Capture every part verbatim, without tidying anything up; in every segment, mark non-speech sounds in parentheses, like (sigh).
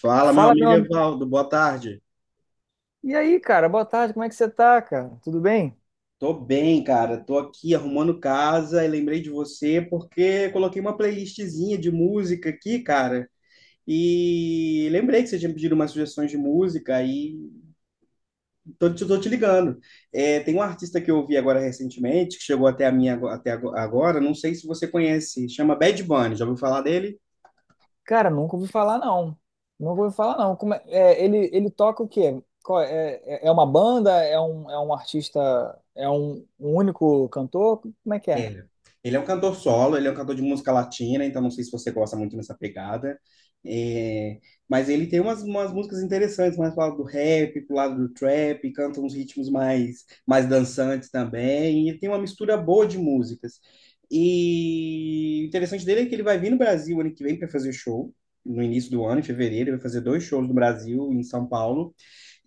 Fala, meu Fala, meu amigo amigo. Evaldo, boa tarde. E aí, cara, boa tarde, como é que você tá, cara? Tudo bem? Tô bem, cara. Tô aqui arrumando casa e lembrei de você porque coloquei uma playlistzinha de música aqui, cara. E lembrei que você tinha pedido umas sugestões de música e tô, te- tô te ligando. É, tem um artista que eu ouvi agora recentemente, que chegou até a minha ago- até ago- agora, não sei se você conhece, chama Bad Bunny. Já ouviu falar dele? Cara, nunca ouvi falar, não. Nunca ouvi falar, não. Como é... é, ele, ele toca o quê? Qual é, é é uma banda? É um, é um artista? É um, um único cantor? Como é que é? É. Ele é um cantor solo, ele é um cantor de música latina, então não sei se você gosta muito dessa pegada. É, mas ele tem umas, umas músicas interessantes, mais pro lado do rap, pro lado do trap, canta uns ritmos mais, mais dançantes também, e tem uma mistura boa de músicas. E o interessante dele é que ele vai vir no Brasil ano que vem para fazer show, no início do ano, em fevereiro, ele vai fazer dois shows no Brasil, em São Paulo.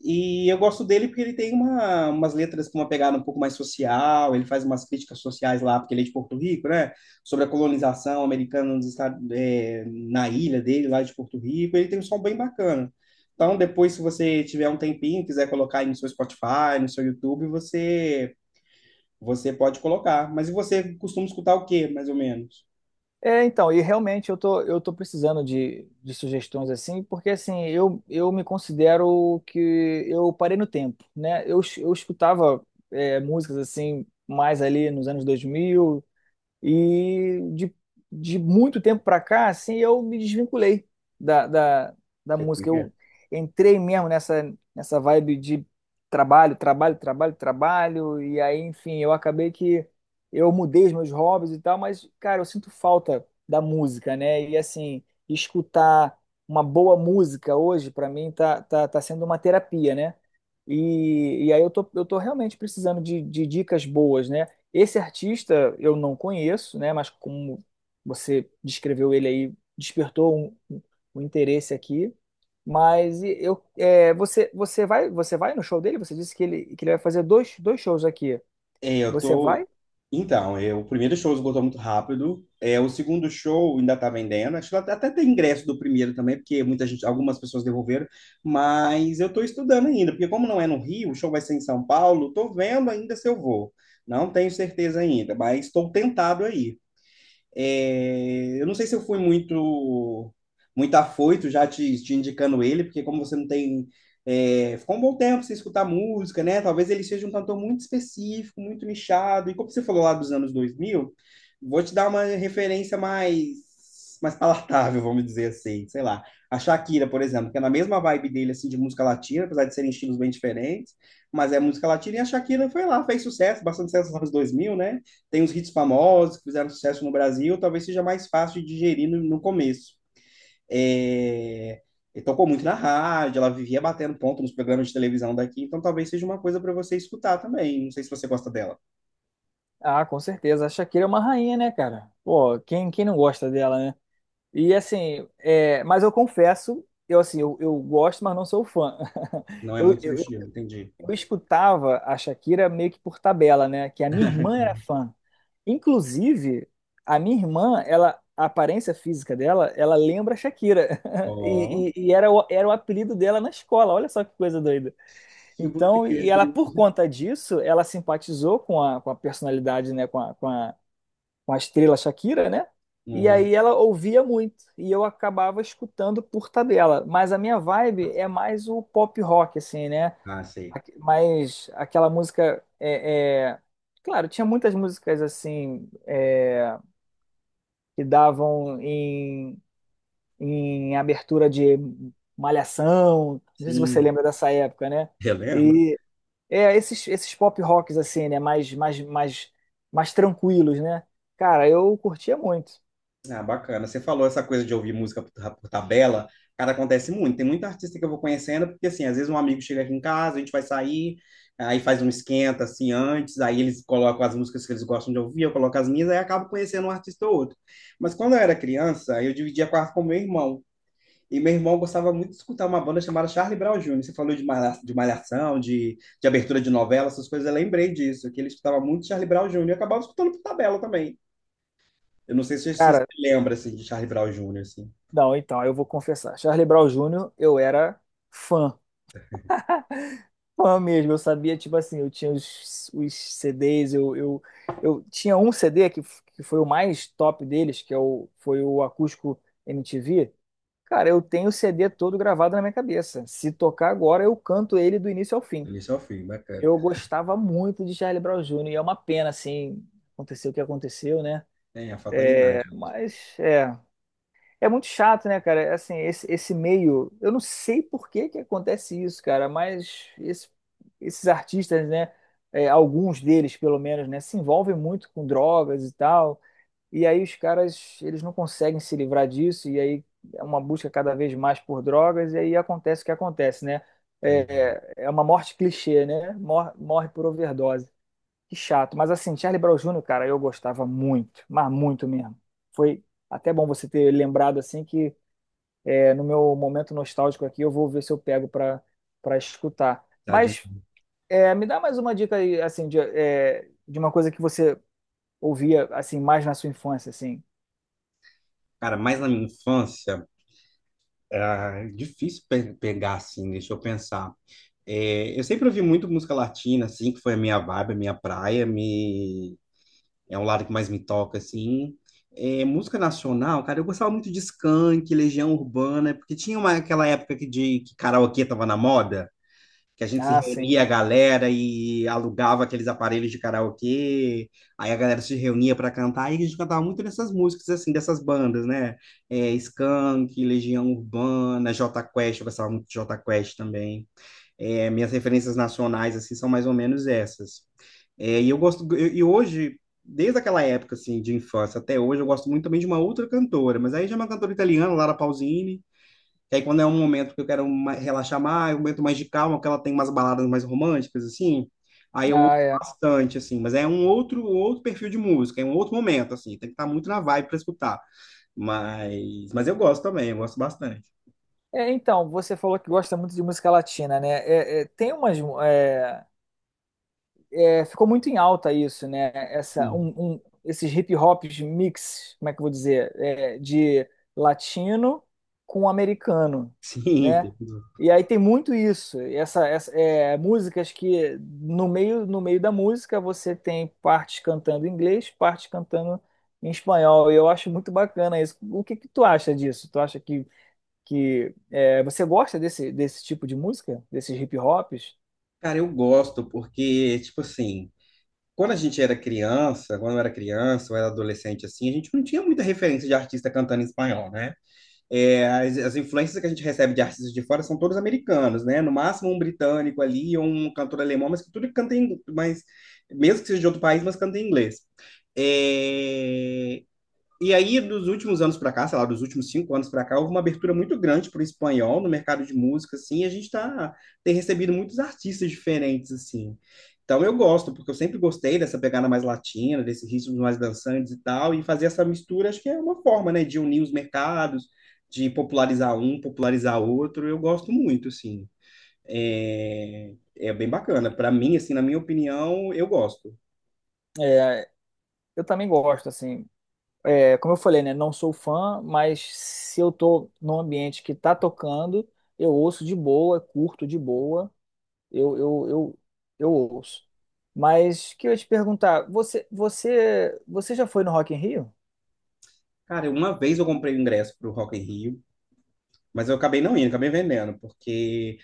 E eu gosto dele porque ele tem uma, umas letras com uma pegada um pouco mais social, ele faz umas críticas sociais lá, porque ele é de Porto Rico, né? Sobre a colonização americana nos Estados, é, na ilha dele, lá de Porto Rico. Ele tem um som bem bacana. Então, depois, se você tiver um tempinho, quiser colocar aí no seu Spotify, no seu YouTube, você, você pode colocar. Mas e você costuma escutar o quê, mais ou menos? É, então, e realmente eu tô, eu tô precisando de, de sugestões assim, porque assim, eu, eu me considero que eu parei no tempo, né? Eu, es- eu escutava é, músicas assim, mais ali nos anos dois mil. E de, de muito tempo para cá, assim, eu me desvinculei da, da, da música. Eu entrei mesmo nessa, nessa vibe de trabalho, trabalho, trabalho, trabalho. E aí, enfim, eu acabei que eu mudei os meus hobbies e tal, mas, cara, eu sinto falta da música, né? E assim, escutar uma boa música hoje, para mim, tá, tá, tá sendo uma terapia, né? E, e aí eu tô, eu tô realmente precisando de, de dicas boas, né? Esse artista eu não conheço, né? Mas como você descreveu ele aí, despertou um, um- um interesse aqui. Mas e- eu, é, você, você vai, você vai no show dele? Você disse que ele, que ele vai fazer dois, dois shows aqui. É, eu Você tô. vai? Então, é, o primeiro show esgotou muito rápido. É, o segundo show ainda tá vendendo. Acho que até até tem ingresso do primeiro também, porque muita gente, algumas pessoas devolveram. Mas eu tô estudando ainda, porque como não é no Rio, o show vai ser em São Paulo, tô vendo ainda se eu vou. Não tenho certeza ainda, mas estou tentado aí. É, eu não sei se eu fui muito muito afoito já te, te indicando ele, porque como você não tem. É, ficou um bom tempo sem escutar música, né? Talvez ele seja um cantor muito específico, muito nichado. E como você falou lá dos anos dois mil, vou te dar uma referência mais mais palatável, vamos dizer assim, sei lá. A Shakira, por exemplo, que é na mesma vibe dele, assim, de música latina, apesar de serem estilos bem diferentes, mas é música latina, e a Shakira foi lá, fez sucesso, bastante sucesso nos anos dois mil, né? Tem os hits famosos que fizeram sucesso no Brasil, talvez seja mais fácil de digerir no, no começo. É, ele tocou muito na rádio, ela vivia batendo ponto nos programas de televisão daqui, então talvez seja uma coisa para você escutar também. Não sei se você gosta dela. Ah, com certeza. A Shakira é uma rainha, né, cara? Pô, quem, quem não gosta dela, né? E assim, é, mas eu confesso, eu assim, eu, eu gosto, mas não sou fã. Não (laughs) é Eu, muito seu eu, estilo, entendi. eu escutava a Shakira meio que por tabela, né? Que a minha irmã era fã. Inclusive, a minha irmã, ela, a aparência física dela, ela lembra a Shakira. (laughs) Ó, E, e- e era, o, era o apelido dela na escola. Olha só que coisa doida. oh, muito Então, pequeno, e por ela, por isso. conta disso, ela simpatizou com a, com a personalidade, né? Com a, com a, com a estrela Shakira, né? E Uhum. aí ela ouvia muito. E eu acabava escutando por tabela. Mas a minha vibe é mais o pop rock, assim, né? Ah, sei. Aque- Mas aquela música é, é- Claro, tinha muitas músicas assim é, que davam em, em abertura de Malhação. Não sei se você Sim, lembra dessa época, né? (laughs) eu lembro. E é, esses, esses pop rocks assim, né? Mais, mais, mais, mais tranquilos, né? Cara, eu curtia muito. Ah, bacana. Você falou essa coisa de ouvir música por, ta- por tabela, cara, acontece muito. Tem muita artista que eu vou conhecendo, porque assim, às vezes um amigo chega aqui em casa, a gente vai sair, aí faz um esquenta assim antes, aí eles colocam as músicas que eles gostam de ouvir, eu coloco as minhas, aí acabo conhecendo um artista ou outro. Mas quando eu era criança, eu dividia quarto com meu irmão. E meu irmão gostava muito de escutar uma banda chamada Charlie Brown júnior Você falou de malha- de malhação, de, de abertura de novela, essas coisas, eu lembrei disso, que ele escutava muito Charlie Brown júnior e eu acabava escutando por tabela também. Eu não sei se você se Cara, lembra assim, de Charlie Brown júnior, assim, não, então, eu vou confessar. Charlie Brown Júnior eu era fã. fã mesmo. Eu sabia, tipo assim, eu tinha os, os C Ds, eu, eu, eu tinha um C D que, f- que foi o mais top deles, que é o, foi o Acústico M T V. Cara, eu tenho o C D todo gravado na minha cabeça. Se tocar agora, eu canto ele do início ao do fim. início ao fim, bacana. Eu gostava muito de Charlie Brown Júnior e é uma pena, assim, aconteceu o que aconteceu, né? É, a fatalidade mesmo. Mas, é. É muito chato, né, cara? É, assim, esse, esse meio, eu não sei por que que acontece isso, cara, mas esse- esses artistas, né, é, alguns deles, pelo menos, né, se envolvem muito com drogas e tal, e aí os caras, eles não conseguem se livrar disso, e aí é uma busca cada vez mais por drogas, e aí acontece o que acontece, né? Foi, É, é uma morte clichê, né? Mor- Morre, por overdose. Que chato. Mas assim, Charlie Brown Júnior, cara, eu gostava muito, mas muito mesmo. Foi até bom você ter lembrado assim que é, no meu momento nostálgico aqui eu vou ver se eu pego para para escutar. tá, Mas é, me dá mais uma dica aí, assim, de, é, de uma coisa que você ouvia assim mais na sua infância, assim. cara, mas na minha infância, era difícil pe- pegar assim, deixa eu pensar. É, eu sempre ouvi muito música latina, assim, que foi a minha vibe, a minha praia, me... é um lado que mais me toca, assim. É, música nacional, cara, eu gostava muito de Skank, Legião Urbana, porque tinha uma, aquela época que, de, que karaokê tava na moda. Que a gente se Ah, sim. reunia a galera e alugava aqueles aparelhos de karaokê, aí a galera se reunia para cantar, e a gente cantava muito dessas músicas, assim, dessas bandas, né? É, Skank, Legião Urbana, Jota Quest, eu gostava muito de Jota Quest também. É, minhas referências nacionais, assim, são mais ou menos essas. É, e eu gosto, e e hoje, desde aquela época, assim, de infância até hoje, eu gosto muito também de uma outra cantora, mas aí já é uma cantora italiana, Lara Pausini, que aí quando é um momento que eu quero ma- relaxar mais, um momento mais de calma, que ela tem umas baladas mais românticas, assim, aí eu ouço Ah, é. bastante, assim, mas é um outro, um outro perfil de música, é um outro momento, assim, tem que estar muito na vibe para escutar. Mas, mas eu gosto também, eu gosto bastante. É, então, você falou que gosta muito de música latina, né? É, é, tem umas. é, é, Ficou muito em alta isso, né? Essa, Sim, um- um- Esses hip hops mix, como é que eu vou dizer? É, de latino com americano, (laughs) sim. né? Tem tudo. E aí tem muito isso. Essa, essa- é, músicas que no meio, no meio da música você tem partes cantando em inglês, partes cantando em espanhol. E eu acho muito bacana isso. O que que tu acha disso? Tu acha que que é, você gosta desse, desse tipo de música, desses hip hops? Cara, eu gosto porque, tipo assim, quando a gente era criança, quando eu era criança, ou era adolescente, assim, a gente não tinha muita referência de artista cantando em espanhol, né? É, as, as influências que a gente recebe de artistas de fora são todos americanos, né? No máximo um britânico ali, ou um cantor alemão, mas que tudo canta em, mas mesmo que seja de outro país, mas canta em inglês. É, e aí, dos últimos anos para cá, sei lá, dos últimos cinco anos para cá, houve uma abertura muito grande para o espanhol no mercado de música, assim, e a gente tá, tem recebido muitos artistas diferentes, assim. Então eu gosto, porque eu sempre gostei dessa pegada mais latina, desses ritmos mais dançantes e tal, e fazer essa mistura acho que é uma forma, né, de unir os mercados, de popularizar um, popularizar outro, eu gosto muito, assim. É, é bem bacana. Para mim, assim, na minha opinião, eu gosto. É, eu também gosto, assim. É, como eu falei, né? Não sou fã, mas se eu tô num ambiente que tá tocando, eu ouço de boa, curto de boa, eu, eu, eu, eu ouço. Mas que eu ia te perguntar, você, você, você já foi no Rock in Rio? Cara, uma vez eu comprei o ingresso pro Rock in Rio, mas eu acabei não indo, acabei vendendo, porque,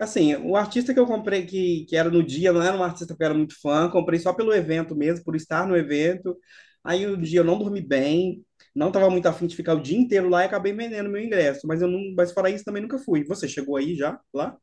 assim, o artista que eu comprei, que, que era no dia, não era um artista que eu era muito fã, comprei só pelo evento mesmo, por estar no evento. Aí o dia eu não dormi bem, não estava muito afim de ficar o dia inteiro lá e acabei vendendo meu ingresso. Mas eu não, mas fora isso também nunca fui. Você chegou aí já, lá?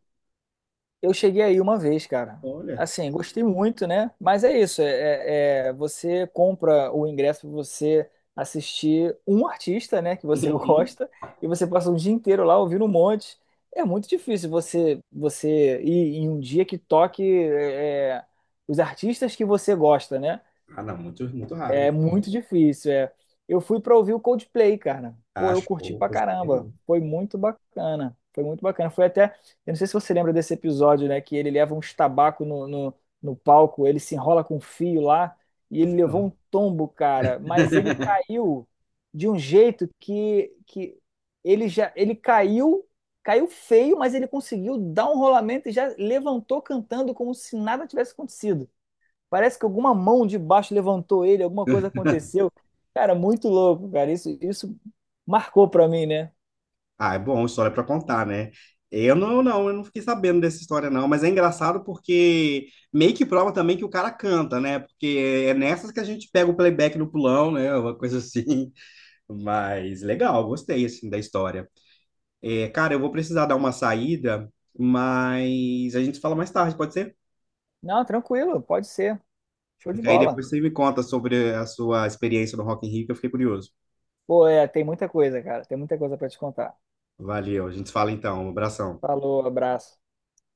Eu cheguei aí uma vez, cara. Olha. Assim, gostei muito, né? Mas é isso, é, é- é, você compra o ingresso para você assistir um artista, né, que você (laughs) gosta, (laughs) e você passa o dia inteiro lá ouvindo um monte. É muito difícil você você ir em um dia que toque é, é, os artistas que você gosta, né? Ah, não, muito, muito raro. É muito difícil, é. Eu fui pra ouvir o Coldplay, cara. Pô, eu Acho, curti pra hoje caramba. não. Foi muito bacana. Foi muito bacana. Foi até, eu não sei se você lembra desse episódio, né, que ele leva uns tabaco no, no, no palco, ele se enrola com um fio lá e Não ele fui, levou um não. tombo, cara. Mas ele caiu de um jeito que, que ele já, ele caiu, caiu feio, mas ele conseguiu dar um rolamento e já levantou cantando como se nada tivesse acontecido. Parece que alguma mão de baixo levantou ele, alguma coisa aconteceu. Cara, muito louco, cara. Isso, isso marcou pra mim, né? Ah, é bom, história para contar, né? Eu não, não, eu não fiquei sabendo dessa história, não, mas é engraçado porque meio que prova também que o cara canta, né? Porque é nessas que a gente pega o playback no pulão, né? (laughs) Uma coisa assim. Mas legal, gostei assim da história. É, cara, eu vou precisar dar uma saída, mas a gente fala mais tarde, pode ser? Não, tranquilo, pode ser. Show de Porque aí bola. depois você me conta sobre a sua experiência no Rock in Rio, que eu fiquei curioso. Pô, é, tem muita coisa, cara. Tem muita coisa pra te contar. Valeu, a gente se fala então. Um abração. Falou, abraço.